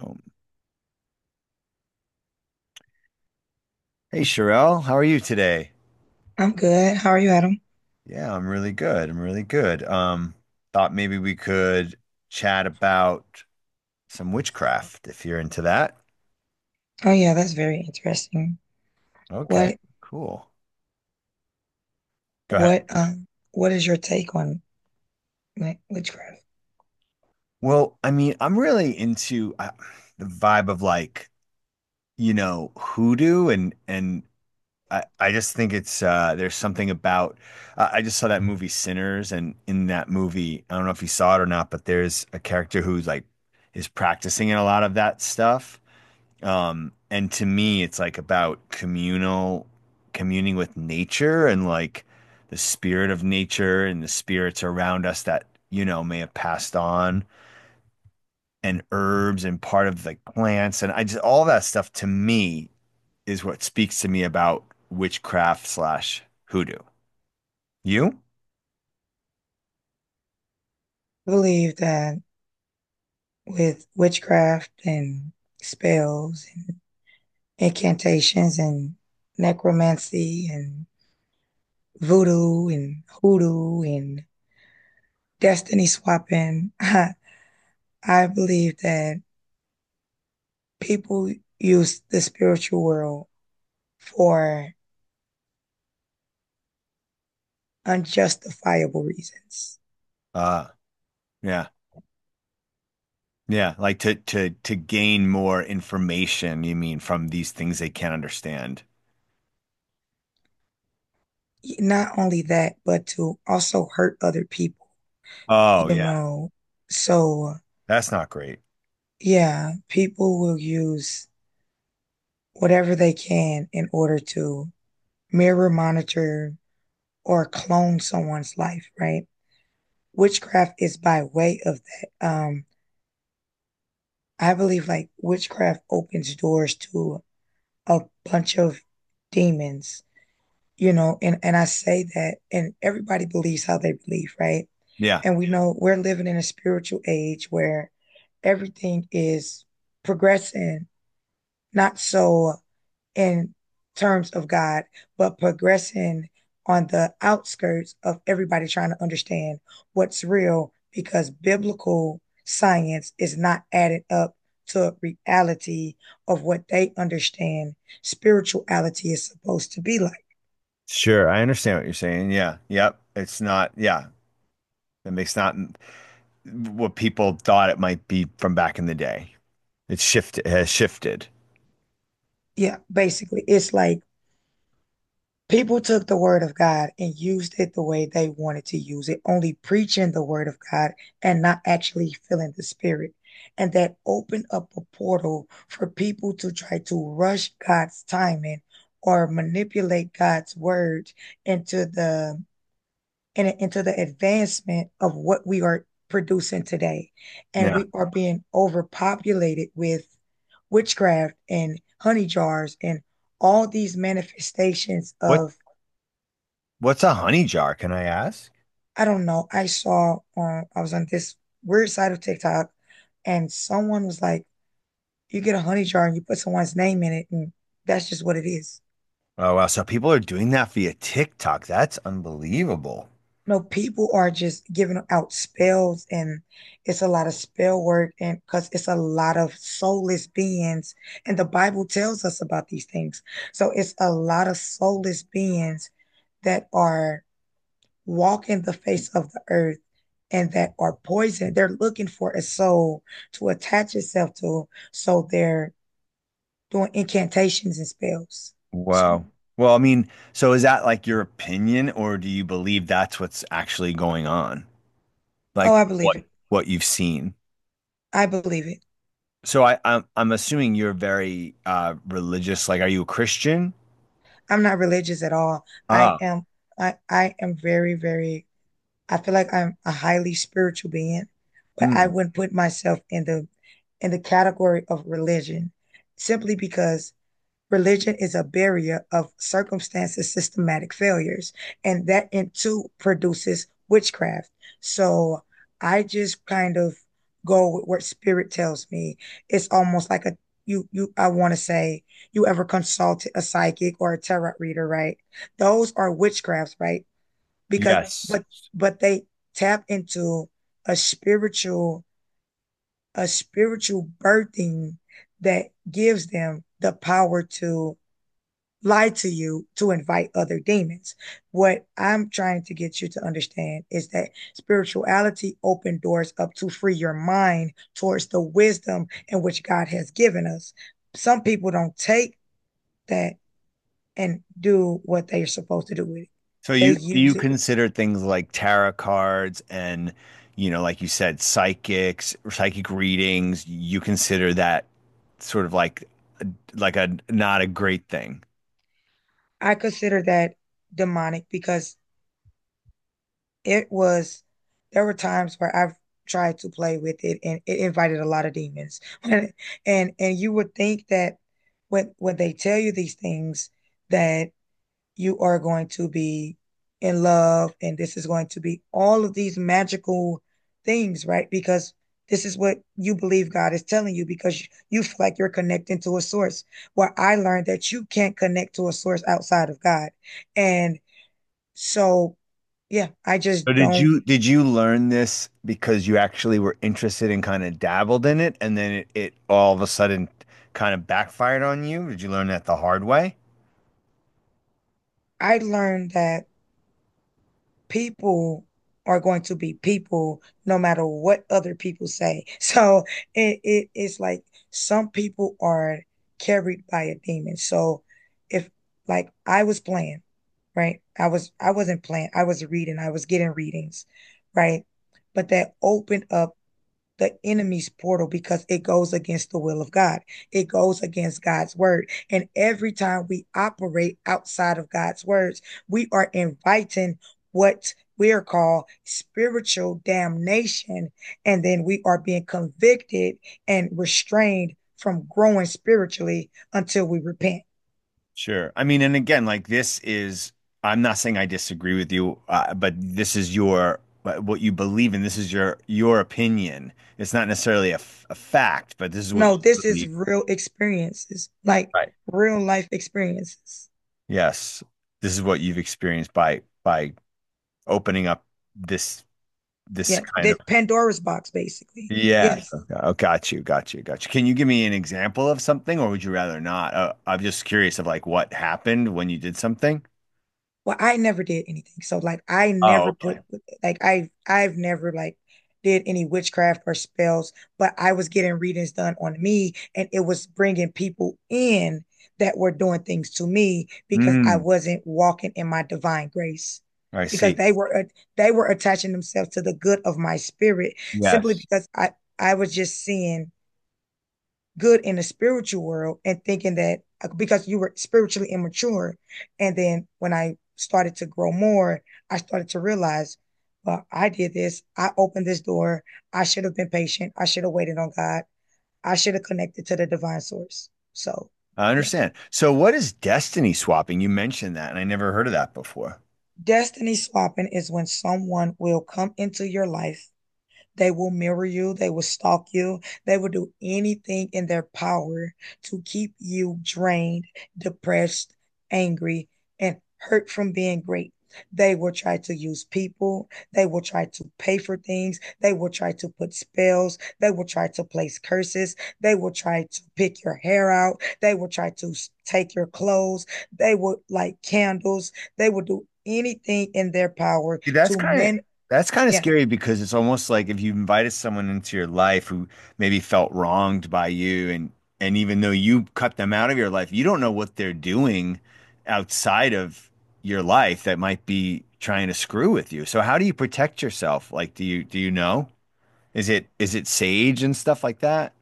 Oh, hey Sherelle, how are you today? I'm good. How are you, Adam? Yeah, I'm really good. I'm really good. Thought maybe we could chat about some witchcraft if you're into that. Oh yeah, that's very interesting. Okay, What cool. Go ahead. what is your take on like witchcraft? Well, I mean, I'm really into the vibe of, like, you know, hoodoo and I just think it's there's something about I just saw that movie Sinners, and in that movie, I don't know if you saw it or not, but there's a character who's like is practicing in a lot of that stuff. And to me, it's like about communal communing with nature and like the spirit of nature and the spirits around us that, you know, may have passed on, and herbs and part of like plants. And I just, all that stuff to me is what speaks to me about witchcraft slash hoodoo. You? I believe that with witchcraft and spells and incantations and necromancy and voodoo and hoodoo and destiny swapping, I believe that people use the spiritual world for unjustifiable reasons. Uh, yeah. Yeah, like to gain more information, you mean, from these things they can't understand. Not only that, but to also hurt other people, Oh, you yeah. know. So, That's not great. yeah, people will use whatever they can in order to mirror, monitor, or clone someone's life, right? Witchcraft is by way of that. I believe like witchcraft opens doors to a bunch of demons, you know, and I say that, and everybody believes how they believe, right? Yeah. And we know we're living in a spiritual age where everything is progressing, not so in terms of God, but progressing on the outskirts of everybody trying to understand what's real because biblical science is not added up to reality of what they understand spirituality is supposed to be like. Sure, I understand what you're saying. Yeah, yep. It's not, yeah, it makes not what people thought it might be from back in the day. It's shifted, has shifted. Yeah, basically, it's like people took the word of God and used it the way they wanted to use it, only preaching the word of God and not actually feeling the spirit. And that opened up a portal for people to try to rush God's timing or manipulate God's word into into the advancement of what we are producing today. And Yeah. we are being overpopulated with witchcraft and honey jars and all these manifestations What of... what's a honey jar, can I ask? I don't know. I saw I was on this weird side of TikTok and someone was like, you get a honey jar and you put someone's name in it and that's just what it is. Oh wow, so people are doing that via TikTok. That's unbelievable. No, people are just giving out spells and it's a lot of spell work and because it's a lot of soulless beings and the Bible tells us about these things. So it's a lot of soulless beings that are... walk in the face of the earth and that are poisoned. They're looking for a soul to attach itself to. So they're doing incantations and spells. So, Wow. Well, I mean, so is that like your opinion, or do you believe that's what's actually going on? oh, Like I what believe it. what you've seen? I believe it. So I'm assuming you're very religious. Like, are you a Christian? I'm not religious at all. I Ah, am. I am very, very, I feel like I'm a highly spiritual being, but I mm, wouldn't put myself in in the category of religion simply because religion is a barrier of circumstances, systematic failures, and that in too produces witchcraft. So I just kind of go with what spirit tells me. It's almost like a... you I want to say, you ever consulted a psychic or a tarot reader, right? Those are witchcrafts, right? Because yes. but but they tap into a spiritual a spiritual birthing that gives them the power to lie to you to invite other demons. What I'm trying to get you to understand is that spirituality opens doors up to free your mind towards the wisdom in which God has given us. Some people don't take that and do what they're supposed to do with it. So They you do you use it. consider things like tarot cards and, you know, like you said, psychics, psychic readings, you consider that sort of like a not a great thing. I consider that demonic because it was, there were times where I've tried to play with it and it invited a lot of demons. And and, you would think that when they tell you these things that you are going to be in love and this is going to be all of these magical things, right? Because this is what you believe God is telling you because you feel like you're connecting to a source. Well, I learned that you can't connect to a source outside of God. And so, yeah, I So just don't... did you learn this because you actually were interested and kind of dabbled in it, and then it all of a sudden kind of backfired on you? Did you learn that the hard way? I learned that people are going to be people no matter what other people say. So it, it's like some people are carried by a demon. So if like I was playing, right? I was... I wasn't playing. I was reading. I was getting readings, right? But that opened up the enemy's portal because it goes against the will of God. It goes against God's word. And every time we operate outside of God's words, we are inviting what we are called spiritual damnation. And then we are being convicted and restrained from growing spiritually until we repent. Sure. I mean, and again, like this is, I'm not saying I disagree with you, but this is your, but what you believe in. This is your opinion. It's not necessarily a, a fact, but this is what No, you this is believe. real experiences, like Right. real life experiences. Yes. This is what you've experienced by opening up this, this Yeah, kind of, that Pandora's box, basically. yes. Yes. Okay. Oh, got you. Got you. Got you. Can you give me an example of something, or would you rather not? I'm just curious of like what happened when you did something. Well, I never did anything. So like I Oh, never okay. put... like I've never like did any witchcraft or spells, but I was getting readings done on me and it was bringing people in that were doing things to me because I Mm, wasn't walking in my divine grace. I Because see. they were attaching themselves to the good of my spirit simply Yes. because I was just seeing good in the spiritual world and thinking that because you were spiritually immature. And then when I started to grow more, I started to realize, well, I did this. I opened this door. I should have been patient. I should have waited on God. I should have connected to the divine source. So, I yeah. understand. So what is destiny swapping? You mentioned that, and I never heard of that before. Destiny swapping is when someone will come into your life. They will mirror you, they will stalk you, they will do anything in their power to keep you drained, depressed, angry, and hurt from being great. They will try to use people. They will try to pay for things. They will try to put spells. They will try to place curses. They will try to pick your hair out. They will try to take your clothes. They will light candles. They will do anything in their power See, to men. that's kind of Yeah, scary because it's almost like if you invited someone into your life who maybe felt wronged by you, and even though you cut them out of your life, you don't know what they're doing outside of your life that might be trying to screw with you. So how do you protect yourself? Like do you know? Is it sage and stuff like that?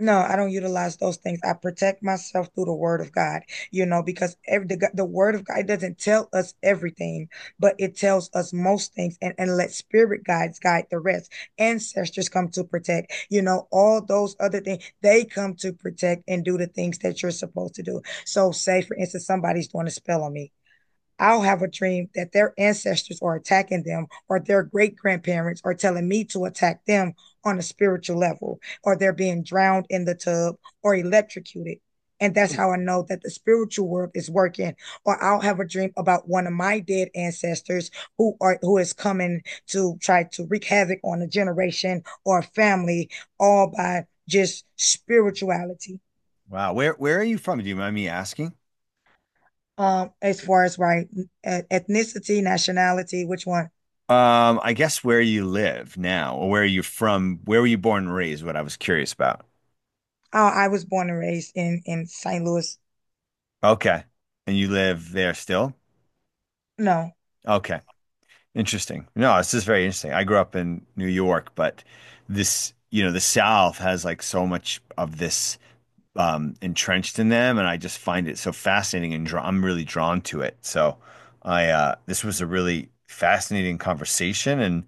no, I don't utilize those things. I protect myself through the word of God, you know, because every, the word of God doesn't tell us everything, but it tells us most things, and let spirit guides guide the rest. Ancestors come to protect, you know, all those other things, they come to protect and do the things that you're supposed to do. So say, for instance, somebody's doing a spell on me. I'll have a dream that their ancestors are attacking them, or their great grandparents are telling me to attack them on a spiritual level, or they're being drowned in the tub or electrocuted. And that's how I know that the spiritual world is working. Or I'll have a dream about one of my dead ancestors who are who is coming to try to wreak havoc on a generation or a family, all by just spirituality. Wow. Where are you from? Do you mind me asking? As far as right, ethnicity, nationality, which one? I guess where you live now, or where you're from, where were you born and raised, what I was curious about. Oh, I was born and raised in St. Louis. Okay. And you live there still? No. Okay. Interesting. No, this is very interesting. I grew up in New York, but this, you know, the South has like so much of this entrenched in them, and I just find it so fascinating and draw I'm really drawn to it. So, I this was a really fascinating conversation, and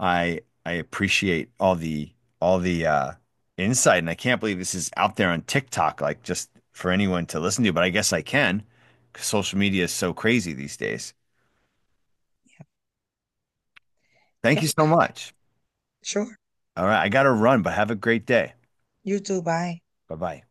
I appreciate all the all the insight, and I can't believe this is out there on TikTok, like just for anyone to listen to. But I guess I can, because social media is so crazy these days. Thank you Yep. so much. Sure. All right. I got to run, but have a great day. You too. Bye. Bye bye.